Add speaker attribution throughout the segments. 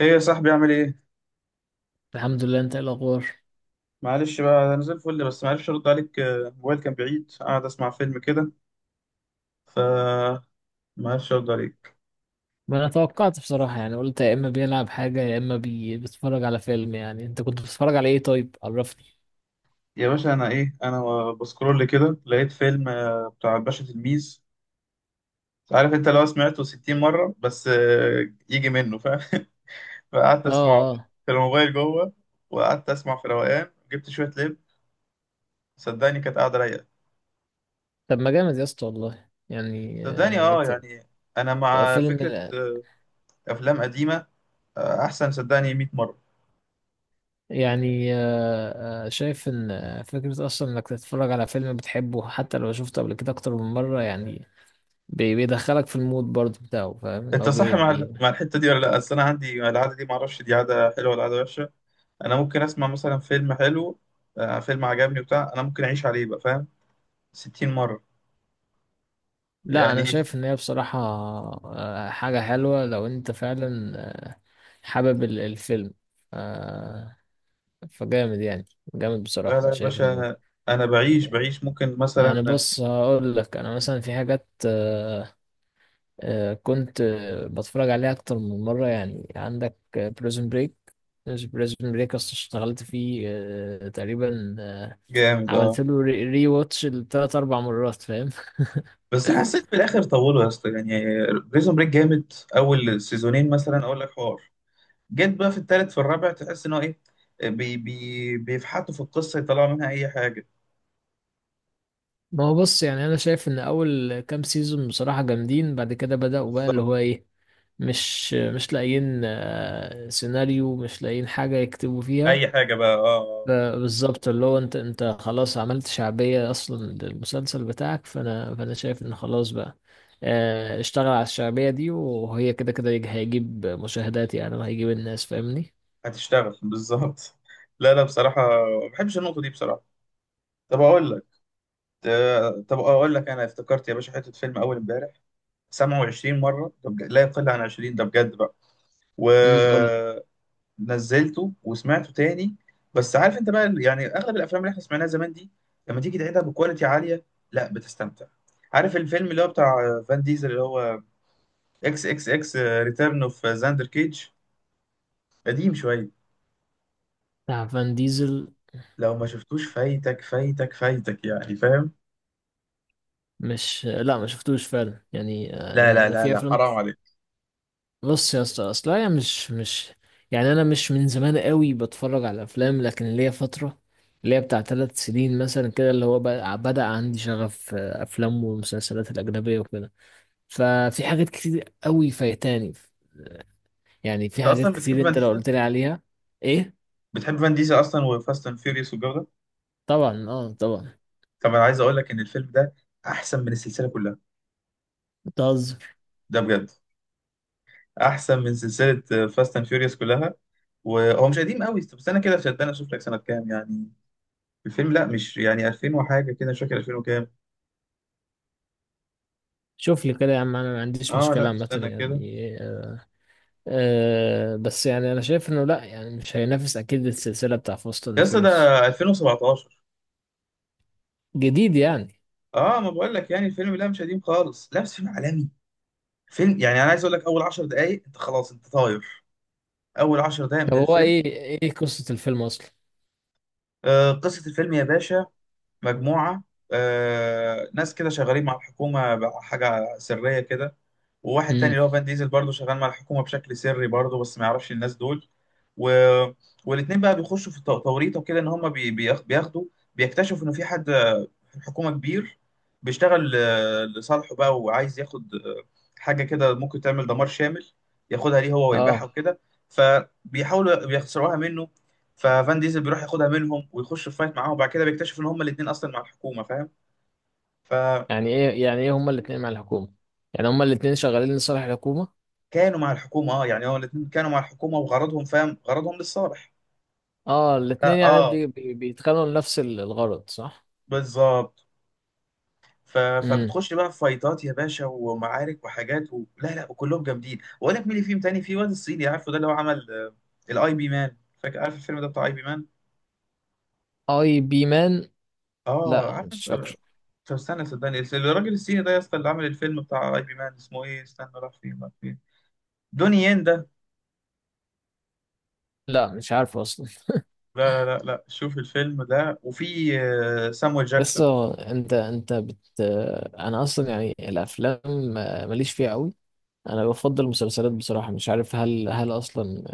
Speaker 1: ايه يا صاحبي؟ اعمل ايه؟
Speaker 2: الحمد لله. انت ايه الاخبار؟
Speaker 1: معلش بقى، انا زي الفل، بس معرفش ارد عليك. الموبايل كان بعيد، قاعد اسمع فيلم كده. ف معرفش ارد عليك.
Speaker 2: ما انا توقعت بصراحة، يعني قلت يا اما بيلعب حاجة يا اما بيتفرج على فيلم. يعني انت كنت بتتفرج على ايه؟ طيب عرفني.
Speaker 1: يا باشا، انا بسكرول كده، لقيت فيلم بتاع الباشا تلميذ. عارف انت لو سمعته 60 مره بس، يجي منه، فاهم؟ فقعدت
Speaker 2: اه،
Speaker 1: اسمعه
Speaker 2: اه.
Speaker 1: في الموبايل جوه، وقعدت اسمع في روقان، جبت شويه لب. صدقني كانت قاعده رايقه.
Speaker 2: طب ما جامد يا اسطى، والله يعني
Speaker 1: صدقني اه يعني، انا مع
Speaker 2: فيلم.
Speaker 1: فكره افلام قديمه. احسن صدقني 100 مره.
Speaker 2: يعني شايف ان فكرة اصلا انك تتفرج على فيلم بتحبه، حتى لو شفته قبل كده اكتر من مرة يعني. بيدخلك في المود برضه بتاعه، فاهم؟
Speaker 1: انت صح مع مع الحته دي ولا لا؟ اصل انا عندي العاده دي، ما اعرفش دي عاده حلوه ولا عاده وحشه. انا ممكن اسمع مثلا فيلم حلو، فيلم عجبني وبتاع، انا ممكن اعيش عليه بقى، فاهم؟ 60 مره
Speaker 2: لا،
Speaker 1: يعني.
Speaker 2: انا شايف ان هي بصراحة حاجة حلوة لو انت فعلا آه، حابب الفيلم. آه، فجامد يعني. جامد
Speaker 1: لا
Speaker 2: بصراحة،
Speaker 1: لا
Speaker 2: انا
Speaker 1: يا
Speaker 2: شايف انه.
Speaker 1: باشا، انا بعيش بعيش ممكن
Speaker 2: يعني
Speaker 1: مثلا.
Speaker 2: بص، هقول لك انا مثلا في حاجات كنت بتفرج عليها اكتر من مرة، يعني عندك بريزون بريك اشتغلت فيه تقريبا
Speaker 1: جامد
Speaker 2: عملت
Speaker 1: اه.
Speaker 2: له ري واتش لتلات اربع مرات، فاهم؟
Speaker 1: بس حسيت في الاخر طولوا يا اسطى يعني. بريزون بريك جامد، اول سيزونين مثلا اقول لك حوار. جيت بقى في التالت في الرابع، تحس ان هو ايه، بي بي بيفحطوا في القصه، يطلعوا منها اي حاجه.
Speaker 2: ما هو بص، يعني انا شايف ان اول كام سيزون بصراحة جامدين، بعد كده بدأوا بقى اللي
Speaker 1: بالظبط.
Speaker 2: هو ايه. مش لاقيين سيناريو، مش لاقيين حاجة يكتبوا فيها.
Speaker 1: اي حاجه بقى، اه آه.
Speaker 2: بالظبط، اللي هو انت خلاص عملت شعبية اصلا للمسلسل بتاعك، فانا شايف ان خلاص بقى. اشتغل على الشعبية دي، وهي كده كده هيجيب مشاهدات يعني، وهيجيب الناس، فاهمني؟
Speaker 1: هتشتغل بالظبط. لا لا بصراحة، ما بحبش النقطة دي بصراحة. طب أقول لك. طب أقول لك، أنا افتكرت يا باشا حتة فيلم أول إمبارح، سمعه 20 مرة، لا يقل عن 20، ده بجد بقى.
Speaker 2: قول.
Speaker 1: ونزلته وسمعته تاني. بس عارف أنت بقى، يعني أغلب الأفلام اللي إحنا سمعناها زمان دي، لما تيجي تعيدها بكواليتي عالية، لا بتستمتع. عارف الفيلم اللي هو بتاع فان ديزل اللي هو اكس اكس اكس ريتيرن اوف زاندر كيج؟ قديم شوية،
Speaker 2: بتاع فان ديزل؟
Speaker 1: لو ما شفتوش فايتك فايتك فايتك يعني، فاهم؟
Speaker 2: مش لا، ما شفتوش فعلا يعني.
Speaker 1: لا
Speaker 2: انا
Speaker 1: لا
Speaker 2: أنا
Speaker 1: لا
Speaker 2: في
Speaker 1: لا،
Speaker 2: افلام.
Speaker 1: حرام عليك.
Speaker 2: بص يا اسطى، اصل انا مش يعني، انا مش من زمان قوي بتفرج على افلام، لكن ليا فتره اللي هي بتاع 3 سنين مثلا كده، اللي هو بدأ عندي شغف افلام والمسلسلات الاجنبيه وكده. ففي حاجات كتير قوي فايتاني، يعني في
Speaker 1: انت
Speaker 2: حاجات
Speaker 1: اصلا
Speaker 2: كتير
Speaker 1: بتحب فان
Speaker 2: انت لو
Speaker 1: ديزل؟
Speaker 2: قلت لي عليها. ايه؟
Speaker 1: بتحب فان ديزل اصلا، وفاست اند فيوريوس والجو ده.
Speaker 2: طبعا، اه طبعا.
Speaker 1: طب انا عايز اقول لك ان الفيلم ده احسن من السلسله كلها.
Speaker 2: بتهزر؟
Speaker 1: ده بجد احسن من سلسله فاست اند فيوريوس كلها. وهو مش قديم قوي، طب استنى كده شدان اشوف لك سنه كام يعني الفيلم. لا مش يعني 2000 وحاجه كده، مش فاكر 2000 وكام.
Speaker 2: شوف لي كده يا عم، انا ما عنديش
Speaker 1: اه
Speaker 2: مشكله
Speaker 1: لا
Speaker 2: عامه
Speaker 1: استنى كده.
Speaker 2: يعني. بس يعني انا شايف انه لا يعني، مش هينافس اكيد السلسله بتاع فاست
Speaker 1: يا
Speaker 2: اند
Speaker 1: اسطى ده
Speaker 2: فيرس.
Speaker 1: 2017.
Speaker 2: جديد يعني؟
Speaker 1: اه، ما بقول لك يعني الفيلم لا مش قديم خالص، لا بس فيلم عالمي. فيلم يعني، انا عايز اقول لك، اول 10 دقائق انت خلاص، انت طاير. اول 10 دقائق من
Speaker 2: طب هو
Speaker 1: الفيلم.
Speaker 2: ايه؟ ايه قصة الفيلم اصلا؟
Speaker 1: قصة الفيلم يا باشا، مجموعة ناس كده شغالين مع الحكومة بحاجة سرية كده. وواحد تاني
Speaker 2: امم،
Speaker 1: اللي هو فان ديزل برضه شغال مع الحكومة بشكل سري برضه، بس ما يعرفش الناس دول. و... والاتنين بقى بيخشوا في توريطة كده، إن هما بياخدوا. بيكتشفوا إن في حد الحكومة كبير بيشتغل لصالحه بقى، وعايز ياخد حاجة كده ممكن تعمل دمار شامل، ياخدها ليه هو ويبيعها
Speaker 2: اه.
Speaker 1: وكده. فبيحاولوا بيخسروها منه. ففان ديزل بيروح ياخدها منهم، ويخش في فايت معاهم، وبعد كده بيكتشف ان هما الاتنين اصلا مع الحكومة، فاهم؟ فكانوا
Speaker 2: يعني ايه؟ يعني ايه هما الاتنين مع الحكومة؟ يعني هما الاتنين شغالين لصالح الحكومة؟
Speaker 1: مع الحكومة، اه يعني هو الاتنين كانوا مع الحكومة، وغرضهم فاهم، غرضهم للصالح.
Speaker 2: اه، الاتنين يعني
Speaker 1: اه
Speaker 2: بي بي بيتخانقوا لنفس الغرض، صح؟
Speaker 1: بالظبط.
Speaker 2: امم.
Speaker 1: فبتخش بقى في فايتات يا باشا ومعارك وحاجات لا لا، وكلهم جامدين. واقول لك مين اللي فيهم تاني، في واد الصيني عارفه، ده اللي هو عمل الاي بي مان. فاكر عارف الفيلم ده بتاع اي بي مان؟
Speaker 2: اي بي مان؟
Speaker 1: اه
Speaker 2: لا،
Speaker 1: عارف
Speaker 2: مش فاكره.
Speaker 1: طب استنى صدقني، الراجل الصيني ده يا اسطى، اللي عمل الفيلم بتاع اي بي مان اسمه ايه، استنى راح فين راح فين، دوني ين ده.
Speaker 2: لا، مش عارفه اصلا.
Speaker 1: لا لا لا لا، شوف الفيلم ده، وفي سامويل جاكسون.
Speaker 2: يسا انت انت بت انا اصلا يعني الافلام ماليش فيها قوي. انا بفضل المسلسلات بصراحة، مش عارف هل اصلا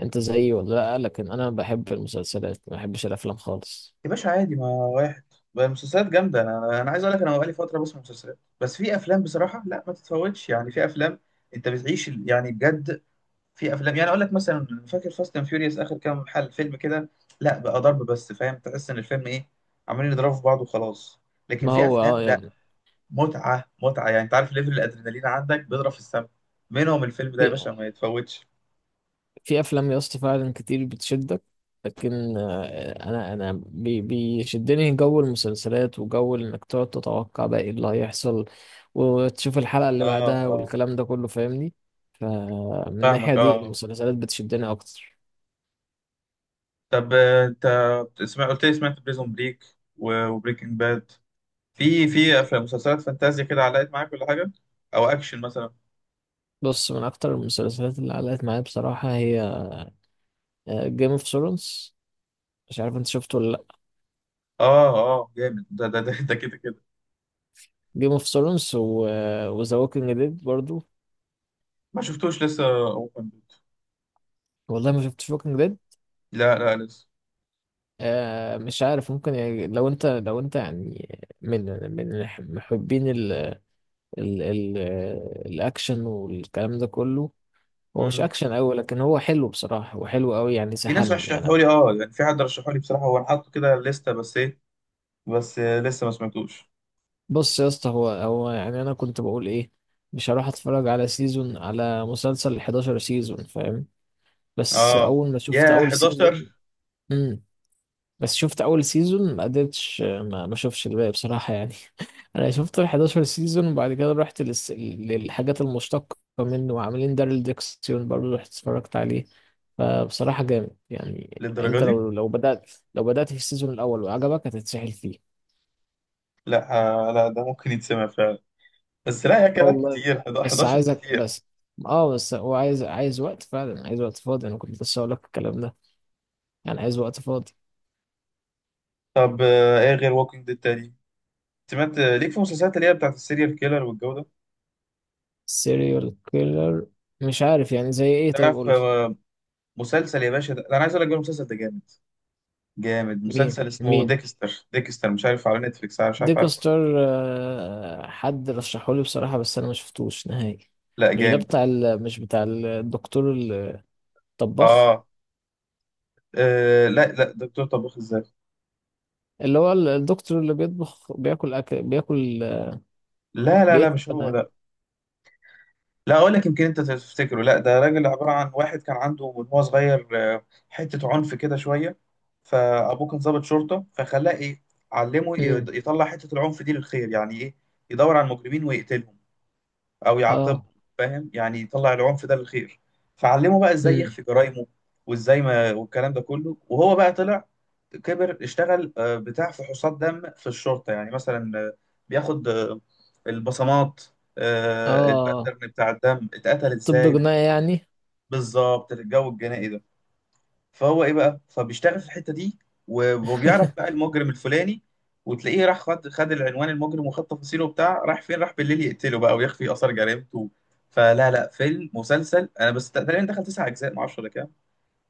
Speaker 2: انت زيي ولا لا، لكن انا بحب المسلسلات ما بحبش الافلام خالص.
Speaker 1: يا باشا عادي، ما واحد بقى المسلسلات جامدة. أنا عايز أقول لك، أنا بقالي فترة بسمع مسلسلات، بس في أفلام بصراحة، لا ما تتفوتش يعني. في أفلام أنت بتعيش يعني بجد. في أفلام يعني أقول لك مثلا، فاكر فاست أند فيوريوس آخر كام حل فيلم كده؟ لا بقى ضرب بس، فاهم؟ تحس إن الفيلم إيه، عمالين يضربوا في بعض وخلاص. لكن
Speaker 2: ما
Speaker 1: في
Speaker 2: هو اه
Speaker 1: أفلام لا،
Speaker 2: يعني.
Speaker 1: متعة متعة يعني. أنت عارف ليفل الأدرينالين عندك بيضرب في السما. منهم الفيلم ده يا باشا،
Speaker 2: في
Speaker 1: ما يتفوتش.
Speaker 2: في افلام يا اسطى فعلا كتير بتشدك، لكن انا بيشدني جو المسلسلات، وجو انك تقعد تتوقع بقى ايه اللي هيحصل وتشوف الحلقة اللي
Speaker 1: آه
Speaker 2: بعدها
Speaker 1: آه.
Speaker 2: والكلام ده كله، فاهمني؟ فمن الناحية
Speaker 1: فاهمك
Speaker 2: دي
Speaker 1: آه.
Speaker 2: المسلسلات بتشدني اكتر.
Speaker 1: طب انت بتسمع، قلت لي سمعت بريزون بريك وبريكنج باد. مسلسلات فانتازيا كده علقت معاك ولا حاجه؟ او اكشن مثلا.
Speaker 2: بص، من اكتر المسلسلات اللي علقت معايا بصراحة هي جيم اوف ثرونز، مش عارف انت شفته ولا لا.
Speaker 1: اه اه جامد، ده, ده كده كده.
Speaker 2: جيم اوف ثرونز وذا ووكينج ديد برضو.
Speaker 1: ما شفتوش لسه. اوبن.
Speaker 2: والله ما شفتش ووكينج ديد.
Speaker 1: لا لا لسه.
Speaker 2: مش عارف، ممكن يعني لو انت يعني من محبين ال ال ال الاكشن والكلام ده كله. هو مش
Speaker 1: مم.
Speaker 2: اكشن قوي، لكن هو حلو بصراحة، هو حلو قوي يعني،
Speaker 1: في ناس
Speaker 2: سحلني
Speaker 1: رشحوا
Speaker 2: يعني.
Speaker 1: لي، اه يعني في حد رشحوا لي بصراحه، هو انا حاطه كده لسته، بس ايه، بس لسه ما سمعتوش.
Speaker 2: بص يا اسطى، هو يعني انا كنت بقول ايه، مش هروح اتفرج على سيزون، على مسلسل 11 سيزون، فاهم؟ بس
Speaker 1: اه
Speaker 2: اول ما شفت
Speaker 1: يا
Speaker 2: اول سيزون.
Speaker 1: 11.
Speaker 2: بس شفت اول سيزون ما قدرتش، ما شفتش الباقي بصراحه يعني. انا شفت ال 11 سيزون، وبعد كده رحت للحاجات المشتقه منه، وعاملين دارل ديكسيون برضه رحت اتفرجت عليه. فبصراحه جامد يعني،
Speaker 1: للدرجه
Speaker 2: انت
Speaker 1: دي؟
Speaker 2: لو بدات في السيزون الاول وعجبك هتتسحل فيه.
Speaker 1: لا. لا ده ممكن يتسمع فعلا، بس لا يا
Speaker 2: اه،
Speaker 1: كده
Speaker 2: والله.
Speaker 1: كتير،
Speaker 2: بس
Speaker 1: 11
Speaker 2: عايزك
Speaker 1: كتير.
Speaker 2: بس. اه، بس هو عايز وقت فعلا، عايز وقت فاضي، انا كنت لسه هقول لك الكلام ده. يعني عايز وقت فاضي.
Speaker 1: طب ايه غير ووكينج ديد تاني سمعت ليك في المسلسلات اللي هي بتاعت السيريال كيلر والجو ده؟
Speaker 2: سيريال كيلر؟ مش عارف يعني زي ايه؟ طيب
Speaker 1: تعرف
Speaker 2: قول لي.
Speaker 1: مسلسل يا باشا، ده انا عايز اقول لك بقى، المسلسل ده جامد. جامد،
Speaker 2: مين
Speaker 1: مسلسل اسمه
Speaker 2: مين
Speaker 1: ديكستر. ديكستر مش عارف على نتفليكس، مش عارف عارفه ولا.
Speaker 2: ديكستر حد رشحولي بصراحة، بس أنا ما شفتوش نهائي.
Speaker 1: لا لا،
Speaker 2: مش ده
Speaker 1: جامد.
Speaker 2: بتاع مش بتاع الدكتور الطباخ؟
Speaker 1: اه. لا لا دكتور طباخ الذات.
Speaker 2: اللي هو الدكتور اللي بيطبخ بياكل، أكل بياكل
Speaker 1: لا لا لا
Speaker 2: بيقتل
Speaker 1: مش هو،
Speaker 2: بنات.
Speaker 1: لا. لا اقول لك، يمكن انت تفتكره، لا ده راجل عباره عن واحد كان عنده من هو صغير حته عنف كده شويه. فابوه كان ضابط شرطه، فخلاه ايه، علمه
Speaker 2: امم،
Speaker 1: يطلع حته العنف دي للخير، يعني ايه، يدور على المجرمين ويقتلهم او يعاقبه،
Speaker 2: اه.
Speaker 1: فاهم؟ يعني يطلع العنف ده للخير. فعلمه بقى ازاي
Speaker 2: امم،
Speaker 1: يخفي جرايمه وازاي ما والكلام ده كله. وهو بقى طلع كبر، اشتغل بتاع فحوصات دم في الشرطة، يعني مثلا بياخد البصمات،
Speaker 2: اه.
Speaker 1: الباترن بتاع الدم اتقتل
Speaker 2: طب،
Speaker 1: ازاي.
Speaker 2: جناية يعني؟
Speaker 1: بالظبط الجو الجنائي ده. فهو ايه بقى، فبيشتغل في الحته دي، وبيعرف بقى المجرم الفلاني، وتلاقيه راح خد العنوان المجرم، وخد تفاصيله وبتاع، راح فين راح بالليل يقتله بقى، ويخفي اثار جريمته. فلا لا فيلم، مسلسل، انا بس تقريبا دخل تسع اجزاء ما اعرفش ولا كام.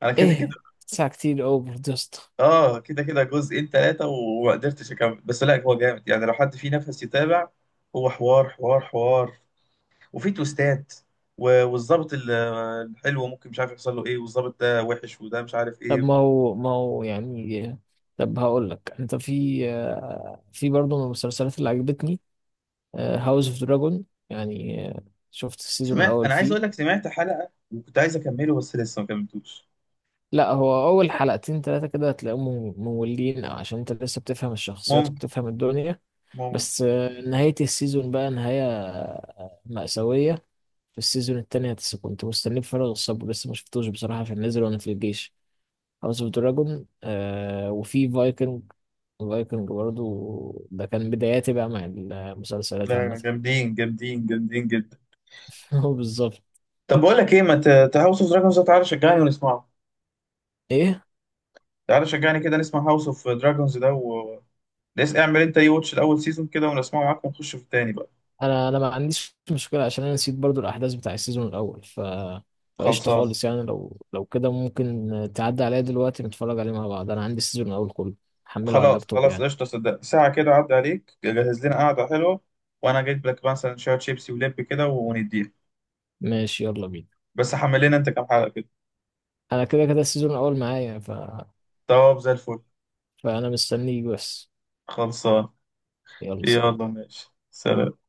Speaker 1: انا كده كده.
Speaker 2: ايه، ساعة كتير، اوفر دوست.
Speaker 1: اه كده كده جزئين ثلاثه وما قدرتش اكمل. بس لا هو جامد يعني، لو حد فيه نفس يتابع، هو حوار حوار حوار. وفي تويستات والظابط الحلو ممكن مش عارف يحصل له ايه، والظابط ده وحش، وده مش عارف
Speaker 2: طب ما
Speaker 1: ايه.
Speaker 2: هو ما هو يعني. طب هقول لك انت، في برضه من المسلسلات اللي عجبتني هاوس اوف دراجون. يعني شفت السيزون
Speaker 1: سمعت،
Speaker 2: الاول
Speaker 1: انا عايز
Speaker 2: فيه.
Speaker 1: اقول لك سمعت حلقة وكنت عايز اكمله بس لسه ما كملتوش.
Speaker 2: لا، هو اول حلقتين ثلاثه كده هتلاقيهم مملين، أو عشان انت لسه بتفهم الشخصيات
Speaker 1: ممكن،
Speaker 2: وبتفهم الدنيا.
Speaker 1: ممكن.
Speaker 2: بس نهايه السيزون بقى نهايه مأساويه. في السيزون التاني كنت مستنيه بفارغ الصبر، لسه ما شفتوش بصراحه في النزل وانا في الجيش. هاوس اوف دراجون. وفي فايكنج. فايكنج برضو ده كان بداياتي بقى مع المسلسلات عامه.
Speaker 1: لا جامدين جامدين جامدين جدا.
Speaker 2: هو بالظبط.
Speaker 1: طب بقول لك ايه، ما هاوس اوف دراجونز ده تعالى شجعني ونسمعه.
Speaker 2: ايه؟
Speaker 1: تعالى شجعني كده نسمع هاوس اوف دراجونز ده و لسه اعمل انت اي واتش الاول سيزون كده، ونسمعه معاك، ونخش في التاني بقى.
Speaker 2: انا ما عنديش مشكله عشان انا نسيت برضو الاحداث بتاع السيزون الاول ف... فقشطه
Speaker 1: خلصان.
Speaker 2: خالص يعني، لو كده ممكن تعدي عليا دلوقتي نتفرج عليه مع بعض، انا عندي السيزون الاول كله هحمله على
Speaker 1: خلاص
Speaker 2: اللابتوب
Speaker 1: خلاص
Speaker 2: يعني.
Speaker 1: قشطه، صدق ساعه كده عدى عليك، جهز لنا قعده حلوه. وانا جايب لك مثلا شويه شيبسي ولب كده، ونديها.
Speaker 2: ماشي، يلا بينا.
Speaker 1: بس حمل لنا انت كام حلقه كده.
Speaker 2: انا كده كده السيزون الاول معايا، ف...
Speaker 1: طب زي الفل.
Speaker 2: فانا مستنيك بس.
Speaker 1: خلصان.
Speaker 2: يلا، سلام.
Speaker 1: يلا ماشي سلام.